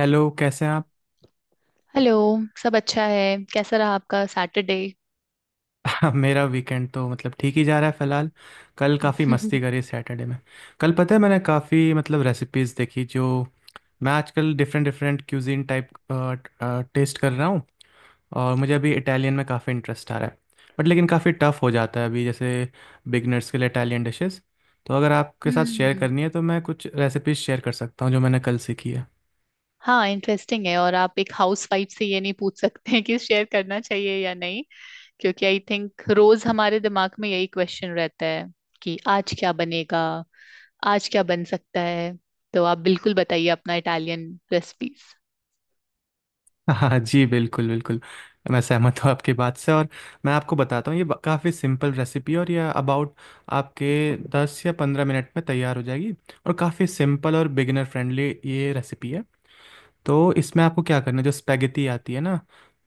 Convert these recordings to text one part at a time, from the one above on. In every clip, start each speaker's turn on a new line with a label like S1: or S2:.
S1: Hello, कैसे हैं
S2: hello. सब अच्छा है। कैसा रहा आपका सैटरडे?
S1: आप? मेरा वीकेंड तो मतलब ठीक ही जा रहा है फिलहाल। कल काफ़ी मस्ती करी सैटरडे में। कल पता है मैंने काफ़ी मतलब रेसिपीज़ देखी। जो मैं आजकल different different cuisine type taste कर रहा हूँ। और मुझे अभी इटालियन में काफ़ी इंटरेस्ट आ रहा है। बट लेकिन काफ़ी टफ हो जाता है, अभी जैसे बिगनर्स के लिए इटालियन डिशेस। तो अगर आपके साथ शेयर
S2: हम्म।
S1: करनी है तो मैं कुछ रेसिपीज़ शेयर कर सकता हूँ जो मैंने कल सीखी है।
S2: हाँ, इंटरेस्टिंग है। और आप एक हाउस वाइफ से ये नहीं पूछ सकते हैं कि शेयर करना चाहिए या नहीं, क्योंकि आई थिंक रोज हमारे दिमाग में यही क्वेश्चन रहता है कि आज क्या बनेगा, आज क्या बन सकता है। तो आप बिल्कुल बताइए अपना इटालियन रेसिपीज।
S1: हाँ जी, बिल्कुल बिल्कुल। मैं सहमत हूँ आपकी बात से। और मैं आपको बताता हूँ, ये काफ़ी सिंपल रेसिपी है। और ये अबाउट आपके 10 या 15 मिनट में तैयार हो जाएगी। और काफ़ी सिंपल और बिगिनर फ्रेंडली ये रेसिपी है। तो इसमें आपको क्या करना है, जो स्पेगेटी आती है ना,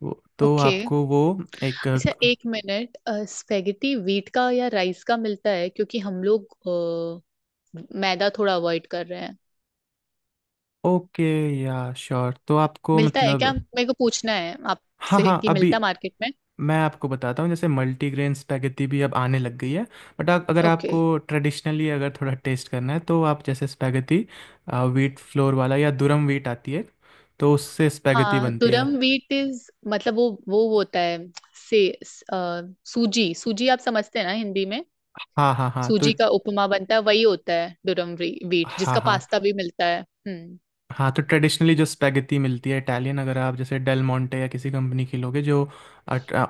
S1: वो तो
S2: ओके।
S1: आपको वो एक,
S2: अच्छा, एक मिनट। स्पेगेटी वीट का या राइस का मिलता है, क्योंकि हम लोग मैदा थोड़ा अवॉइड कर रहे हैं।
S1: ओके या श्योर, तो आपको
S2: मिलता है क्या,
S1: मतलब,
S2: मेरे को पूछना है
S1: हाँ
S2: आपसे
S1: हाँ,
S2: कि
S1: अभी
S2: मिलता मार्केट में।
S1: मैं आपको बताता हूँ। जैसे मल्टीग्रेन स्पैगेटी भी अब आने लग गई है। बट अगर
S2: ओके।
S1: आपको ट्रेडिशनली अगर थोड़ा टेस्ट करना है, तो आप जैसे स्पैगेटी व्हीट फ्लोर वाला या दुरम व्हीट आती है, तो उससे स्पैगेटी
S2: हाँ,
S1: बनती है।
S2: दुरम व्हीट इज मतलब वो होता है से सूजी सूजी आप समझते हैं ना हिंदी में।
S1: हाँ हाँ हाँ, तो
S2: सूजी का उपमा बनता है, वही होता है दुरम व्हीट
S1: हाँ
S2: जिसका
S1: हाँ
S2: पास्ता भी मिलता है। हम्म।
S1: हाँ, तो ट्रेडिशनली जो स्पेगेटी मिलती है इटालियन, अगर आप जैसे डेल मोंटे या किसी कंपनी की लोगे जो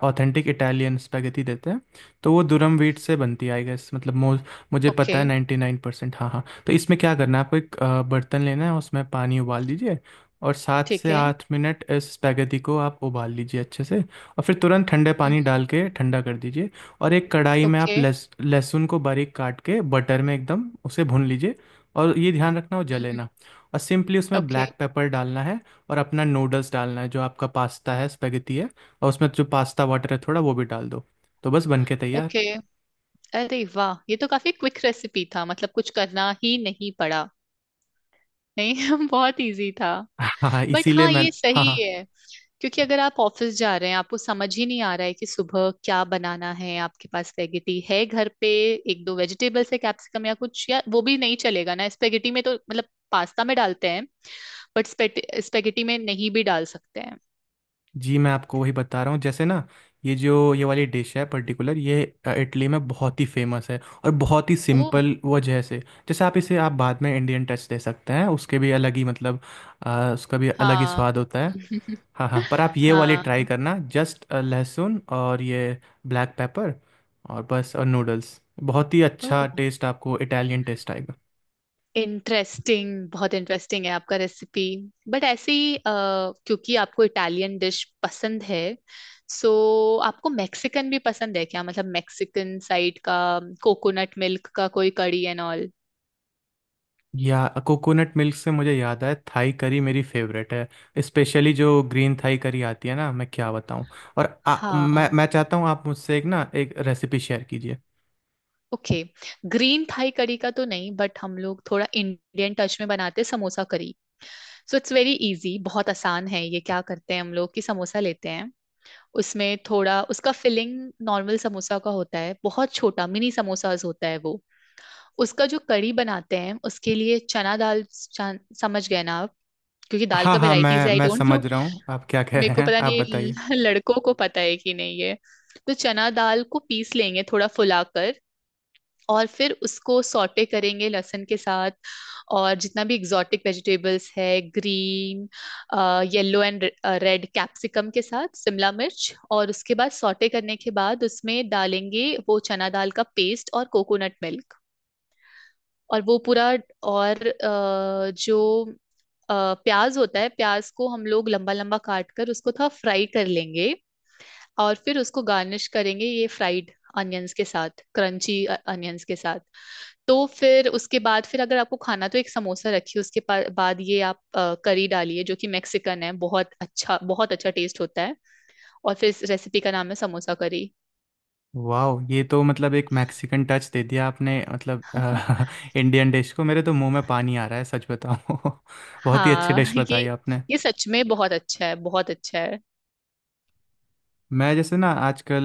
S1: ऑथेंटिक इटालियन स्पेगेटी देते हैं, तो वो दुरम व्हीट से बनती है, आई गेस मतलब मो मुझे पता
S2: ओके।
S1: है 99%। हाँ हाँ, तो इसमें क्या करना है, आपको एक बर्तन लेना है, उसमें पानी उबाल दीजिए। और सात
S2: ठीक
S1: से
S2: है।
S1: आठ मिनट इस स्पेगेटी को आप उबाल लीजिए अच्छे से, और फिर तुरंत ठंडे
S2: हम्म।
S1: पानी डाल के ठंडा कर दीजिए। और एक कढ़ाई में आप
S2: ओके।
S1: लहसुन को बारीक काट के बटर में एकदम उसे भून लीजिए। और ये ध्यान रखना वो जले
S2: हम्म।
S1: ना। और सिंपली उसमें
S2: ओके।
S1: ब्लैक पेपर डालना है। और अपना नूडल्स डालना है, जो आपका पास्ता है, स्पेगेटी है। और उसमें जो पास्ता वाटर है, थोड़ा वो भी डाल दो। तो बस बन के तैयार।
S2: ओके। अरे वाह, ये तो काफी क्विक रेसिपी था, मतलब कुछ करना ही नहीं पड़ा। नहीं बहुत इजी था।
S1: हाँ हाँ,
S2: बट
S1: इसीलिए
S2: हाँ,
S1: मैं,
S2: ये
S1: हाँ
S2: सही
S1: हाँ
S2: है। क्योंकि अगर आप ऑफिस जा रहे हैं, आपको समझ ही नहीं आ रहा है कि सुबह क्या बनाना है, आपके पास स्पेगेटी है घर पे, एक दो वेजिटेबल्स है, कैप्सिकम या कुछ, या वो भी नहीं चलेगा ना स्पेगेटी में, तो मतलब पास्ता में डालते हैं, बट स्पेगेटी में नहीं भी डाल सकते हैं।
S1: जी, मैं आपको वही बता रहा हूँ। जैसे ना, ये जो ये वाली डिश है पर्टिकुलर, ये इटली में बहुत ही फेमस है। और बहुत ही
S2: ओ।
S1: सिंपल वजह से। जैसे आप इसे आप बाद में इंडियन टच दे सकते हैं, उसके भी अलग ही मतलब, उसका भी अलग ही
S2: हाँ।
S1: स्वाद होता है। हाँ हाँ, पर आप ये वाली ट्राई
S2: हाँ।
S1: करना, जस्ट लहसुन और ये ब्लैक पेपर और बस, और नूडल्स। बहुत ही
S2: ओ,
S1: अच्छा टेस्ट, आपको इटालियन टेस्ट आएगा।
S2: इंटरेस्टिंग, बहुत इंटरेस्टिंग है आपका रेसिपी। बट ऐसे ही क्योंकि आपको इटालियन डिश पसंद है, सो आपको मैक्सिकन भी पसंद है क्या, मतलब मैक्सिकन साइड का कोकोनट मिल्क का कोई कड़ी एंड ऑल।
S1: या कोकोनट मिल्क से मुझे याद आया, थाई करी मेरी फेवरेट है। स्पेशली जो ग्रीन थाई करी आती है ना, मैं क्या बताऊँ। और मैं
S2: हाँ।
S1: मैं चाहता हूँ आप मुझसे एक ना एक रेसिपी शेयर कीजिए।
S2: ओके। ग्रीन थाई कड़ी का तो नहीं, बट हम लोग थोड़ा इंडियन टच में बनाते हैं, samosa curry. So it's very easy, बहुत आसान है। ये क्या करते हैं हम लोग कि समोसा लेते हैं, उसमें थोड़ा उसका फिलिंग नॉर्मल समोसा का होता है, बहुत छोटा मिनी समोसाज होता है वो। उसका जो करी बनाते हैं उसके लिए चना दाल समझ गए ना आप, क्योंकि दाल
S1: हाँ
S2: का
S1: हाँ,
S2: वेराइटीज
S1: मैं
S2: है, आई
S1: मैं
S2: डोंट नो।
S1: समझ रहा हूँ आप क्या कह
S2: मेरे
S1: रहे
S2: को
S1: हैं,
S2: पता
S1: आप
S2: नहीं
S1: बताइए।
S2: लड़कों को पता है कि नहीं ये। तो चना दाल को पीस लेंगे थोड़ा फुलाकर, और फिर उसको सॉटे करेंगे लहसुन के साथ, और जितना भी एग्जॉटिक वेजिटेबल्स है, green, yellow and red capsicum के साथ, शिमला मिर्च, और उसके बाद सॉटे करने के बाद उसमें डालेंगे वो चना दाल का पेस्ट और कोकोनट मिल्क, और वो पूरा। और जो प्याज होता है, प्याज को हम लोग लंबा लंबा काट कर उसको थोड़ा फ्राई कर लेंगे, और फिर उसको गार्निश करेंगे ये फ्राइड अनियंस के साथ, क्रंची अनियंस के साथ। तो फिर उसके बाद, फिर अगर आपको खाना, तो एक समोसा रखिए उसके बाद ये आप करी डालिए, जो कि मैक्सिकन है, बहुत अच्छा टेस्ट होता है। और फिर इस रेसिपी का नाम है समोसा करी।
S1: वाह, ये तो मतलब एक मैक्सिकन टच दे दिया आपने, मतलब इंडियन डिश को, मेरे तो मुंह में पानी आ रहा है, सच बताऊँ बहुत ही अच्छी
S2: हाँ,
S1: डिश
S2: ये
S1: बताई आपने।
S2: ये सच में बहुत अच्छा है, बहुत अच्छा है।
S1: मैं जैसे ना, आजकल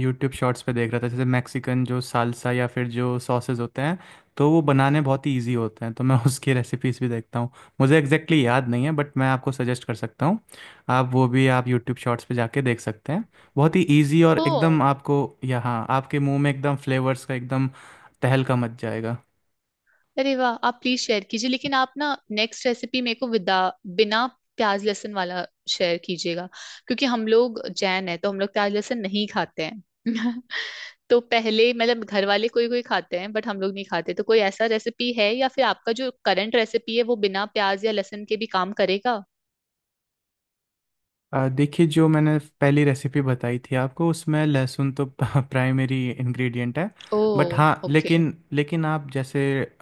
S1: यूट्यूब शॉर्ट्स पे देख रहा था। जैसे मैक्सिकन जो सालसा या फिर जो सॉसेज होते हैं, तो वो बनाने बहुत ही ईजी होते हैं। तो मैं उसकी रेसिपीज भी देखता हूँ। मुझे एग्जैक्टली exactly याद नहीं है, बट मैं आपको सजेस्ट कर सकता हूँ। आप वो भी आप यूट्यूब शॉर्ट्स पे जाके देख सकते हैं। बहुत ही ईजी, और
S2: ओ।
S1: एकदम आपको यहाँ आपके मुंह में एकदम फ्लेवर्स का एकदम तहलका मच जाएगा।
S2: अरे वाह, आप प्लीज शेयर कीजिए, लेकिन आप ना नेक्स्ट रेसिपी मेरे को विदा बिना प्याज लहसुन वाला शेयर कीजिएगा, क्योंकि हम लोग जैन है तो हम लोग प्याज लहसुन नहीं खाते हैं तो पहले मतलब घर वाले कोई कोई खाते हैं, बट हम लोग नहीं खाते। तो कोई ऐसा रेसिपी है, या फिर आपका जो करंट रेसिपी है वो बिना प्याज या लहसुन के भी काम करेगा?
S1: देखिए, जो मैंने पहली रेसिपी बताई थी आपको, उसमें लहसुन तो प्राइमरी इंग्रेडिएंट है।
S2: ओ।
S1: बट हाँ,
S2: ओके।
S1: लेकिन लेकिन आप जैसे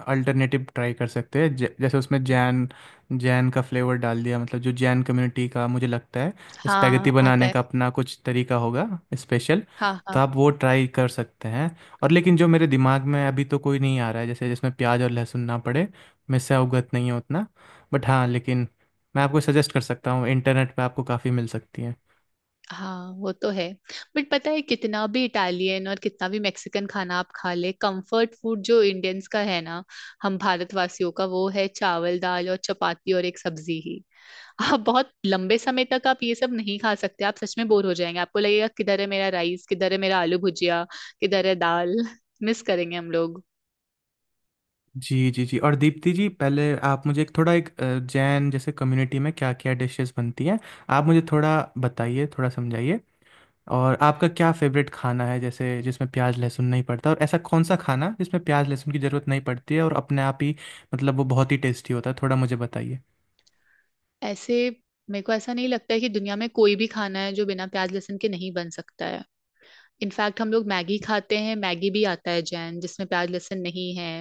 S1: अल्टरनेटिव ट्राई कर सकते हैं। जैसे उसमें जैन, जैन का फ्लेवर डाल दिया मतलब, जो जैन कम्युनिटी का मुझे लगता है स्पैगेटी
S2: हाँ, आता
S1: बनाने
S2: है।
S1: का अपना कुछ तरीका होगा स्पेशल।
S2: हाँ
S1: तो
S2: हाँ
S1: आप वो ट्राई कर सकते हैं। और लेकिन जो मेरे दिमाग में अभी तो कोई नहीं आ रहा है, जैसे जिसमें प्याज और लहसुन ना पड़े। मैं इससे अवगत नहीं हूँ उतना। बट हाँ लेकिन, मैं आपको सजेस्ट कर सकता हूँ, इंटरनेट पे आपको काफ़ी मिल सकती हैं।
S2: हाँ। वो तो है, बट पता है कितना भी इटालियन और कितना भी मैक्सिकन खाना आप खा ले, कंफर्ट फूड जो इंडियंस का है ना, हम भारतवासियों का, वो है चावल दाल और चपाती और एक सब्जी ही। आप बहुत लंबे समय तक आप ये सब नहीं खा सकते, आप सच में बोर हो जाएंगे, आपको लगेगा किधर है मेरा राइस, किधर है मेरा आलू भुजिया, किधर है दाल मिस करेंगे हम लोग
S1: जी जी जी, और दीप्ति जी, पहले आप मुझे एक थोड़ा एक जैन जैसे कम्युनिटी में क्या क्या डिशेस बनती हैं, आप मुझे थोड़ा बताइए, थोड़ा समझाइए। और आपका क्या फेवरेट खाना है जैसे जिसमें प्याज लहसुन नहीं पड़ता, और ऐसा कौन सा खाना जिसमें प्याज लहसुन की ज़रूरत नहीं पड़ती है और अपने आप ही मतलब वो बहुत ही टेस्टी होता है, थोड़ा मुझे बताइए।
S2: ऐसे। मेरे को ऐसा नहीं लगता है कि दुनिया में कोई भी खाना है जो बिना प्याज लहसुन के नहीं बन सकता है। इनफैक्ट हम लोग मैगी खाते हैं, मैगी भी आता है जैन, जिसमें प्याज लहसुन नहीं है।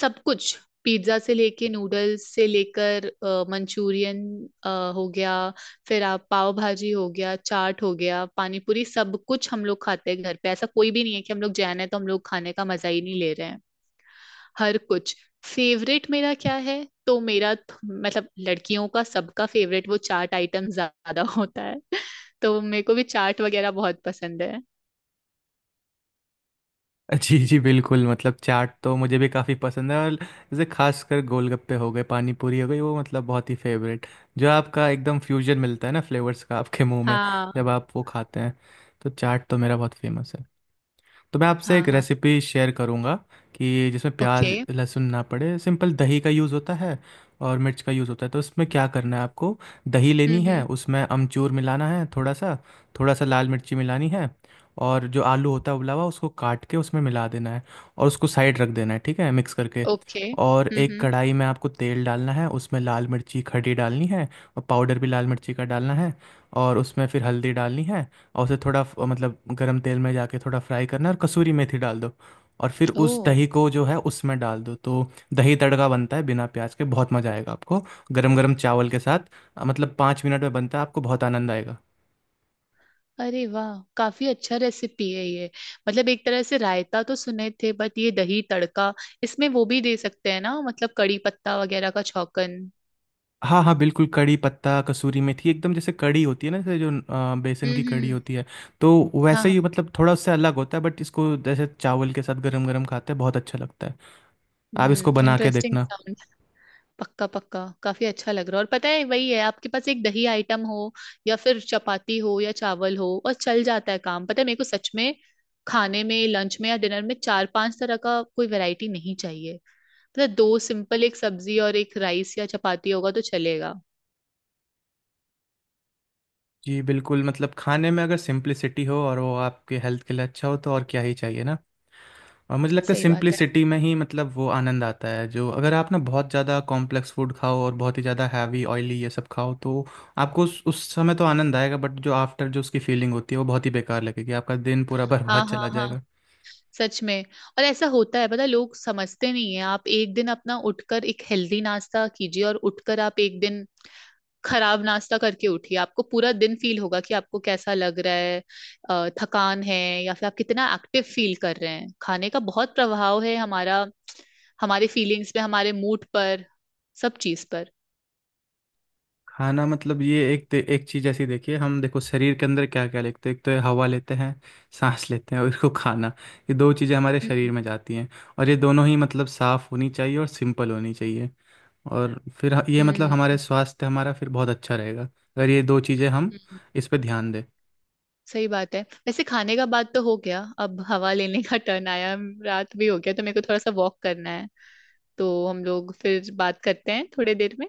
S2: सब कुछ, पिज्जा से लेके नूडल्स से लेकर मंचूरियन, अ, हो गया। फिर आप पाव भाजी हो गया, चाट हो गया, पानी पूरी, सब कुछ हम लोग खाते हैं घर पे। ऐसा कोई भी नहीं है कि हम लोग जैन है तो हम लोग खाने का मजा ही नहीं ले रहे हैं, हर कुछ। फेवरेट मेरा क्या है, तो मेरा मतलब लड़कियों का सबका फेवरेट वो चाट आइटम ज्यादा होता है तो मेरे को भी चाट वगैरह बहुत पसंद है।
S1: जी जी बिल्कुल, मतलब चाट तो मुझे भी काफ़ी पसंद है। और जैसे खासकर गोलगप्पे हो गए, पानी पूरी हो गई, वो मतलब बहुत ही फेवरेट। जो आपका एकदम फ्यूजन मिलता है ना फ्लेवर्स का आपके मुंह में,
S2: हाँ
S1: जब आप वो खाते हैं। तो चाट तो मेरा बहुत फेमस है। तो मैं आपसे
S2: हाँ
S1: एक
S2: हाँ।
S1: रेसिपी शेयर करूंगा कि जिसमें
S2: ओके।
S1: प्याज लहसुन ना पड़े, सिंपल दही का यूज़ होता है और मिर्च का यूज़ होता है। तो इसमें क्या करना है आपको, दही लेनी है,
S2: हम्म।
S1: उसमें अमचूर मिलाना है थोड़ा सा, थोड़ा सा लाल मिर्ची मिलानी है। और जो आलू होता है उबला हुआ, उसको काट के उसमें मिला देना है, और उसको साइड रख देना है, ठीक है, मिक्स करके।
S2: ओके।
S1: और एक
S2: हम्म।
S1: कढ़ाई में आपको तेल डालना है, उसमें लाल मिर्ची खड़ी डालनी है, और पाउडर भी लाल मिर्ची का डालना है, और उसमें फिर हल्दी डालनी है। और उसे थोड़ा मतलब गरम तेल में जाके थोड़ा फ्राई करना है, और कसूरी मेथी डाल दो। और फिर उस
S2: ओ।
S1: दही को जो है उसमें डाल दो, तो दही तड़का बनता है, बिना प्याज के, बहुत मज़ा आएगा आपको गरम गरम चावल के साथ। मतलब 5 मिनट में बनता है, आपको बहुत आनंद आएगा।
S2: अरे वाह, काफी अच्छा रेसिपी है ये। मतलब एक तरह से रायता तो सुने थे, बट ये दही तड़का, इसमें वो भी दे सकते हैं ना मतलब, कड़ी पत्ता वगैरह का छौंकन?
S1: हाँ हाँ बिल्कुल, कड़ी पत्ता, कसूरी मेथी, एकदम जैसे कड़ी होती है ना, जैसे जो बेसन की कड़ी
S2: हम्म।
S1: होती है। तो
S2: हाँ
S1: वैसे
S2: हाँ।
S1: ही मतलब, थोड़ा उससे अलग होता है, बट इसको जैसे चावल के साथ गरम गरम खाते हैं, बहुत अच्छा लगता है। आप इसको
S2: हम्म,
S1: बना के
S2: इंटरेस्टिंग
S1: देखना।
S2: साउंड। पक्का पक्का, काफी अच्छा लग रहा है। और पता है वही है, आपके पास एक दही आइटम हो या फिर चपाती हो या चावल हो और चल जाता है काम। पता है मेरे को, सच में खाने में, लंच में या डिनर में, चार पांच तरह का कोई वैरायटी नहीं चाहिए। मतलब दो सिंपल, एक सब्जी और एक राइस या चपाती होगा तो चलेगा।
S1: जी बिल्कुल, मतलब खाने में अगर सिंप्लिसिटी हो, और वो आपके हेल्थ के लिए अच्छा हो, तो और क्या ही चाहिए ना। और मुझे लगता है
S2: सही बात है।
S1: सिंप्लिसिटी में ही मतलब वो आनंद आता है, जो अगर आप ना बहुत ज़्यादा कॉम्प्लेक्स फूड खाओ और बहुत ही ज़्यादा हैवी ऑयली ये सब खाओ तो आपको उस समय तो आनंद आएगा, बट जो आफ्टर जो उसकी फीलिंग होती है वो बहुत ही बेकार लगेगी, आपका दिन पूरा बर्बाद
S2: हाँ
S1: चला
S2: हाँ हाँ।
S1: जाएगा।
S2: सच में। और ऐसा होता है, पता है, लोग समझते नहीं है। आप एक दिन अपना उठकर एक हेल्दी नाश्ता कीजिए, और उठकर आप एक दिन खराब नाश्ता करके उठिए, आपको पूरा दिन फील होगा कि आपको कैसा लग रहा है, थकान है, या फिर आप कितना एक्टिव फील कर रहे हैं। खाने का बहुत प्रभाव है हमारा, हमारे फीलिंग्स पे, हमारे मूड पर, सब चीज पर।
S1: खाना मतलब ये एक एक चीज ऐसी, देखिए हम देखो शरीर के अंदर क्या क्या लेते हैं, एक तो ये हवा लेते हैं, सांस लेते हैं, और इसको खाना, ये दो चीजें हमारे शरीर
S2: हम्म
S1: में जाती हैं। और ये दोनों ही मतलब साफ होनी चाहिए और सिंपल होनी चाहिए। और फिर ये मतलब
S2: हम्म।
S1: हमारे स्वास्थ्य, हमारा फिर बहुत अच्छा रहेगा अगर ये दो चीजें हम
S2: हम्म।
S1: इस पे ध्यान दें।
S2: सही बात है। वैसे खाने का बात तो हो गया, अब हवा लेने का टर्न आया। रात भी हो गया, तो मेरे को थोड़ा सा वॉक करना है, तो हम लोग फिर बात करते हैं थोड़ी देर में।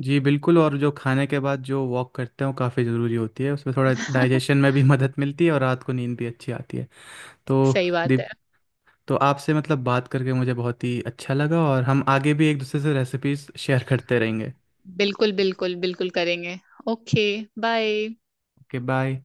S1: जी बिल्कुल, और जो खाने के बाद जो वॉक करते हैं वो काफ़ी ज़रूरी होती है, उसमें थोड़ा डाइजेशन में भी मदद मिलती है और रात को नींद भी अच्छी आती है। तो
S2: सही बात है।
S1: तो आपसे मतलब बात करके मुझे बहुत ही अच्छा लगा, और हम आगे भी एक दूसरे से रेसिपीज शेयर करते रहेंगे।
S2: बिल्कुल बिल्कुल बिल्कुल करेंगे। ओके। बाय।
S1: Okay, bye.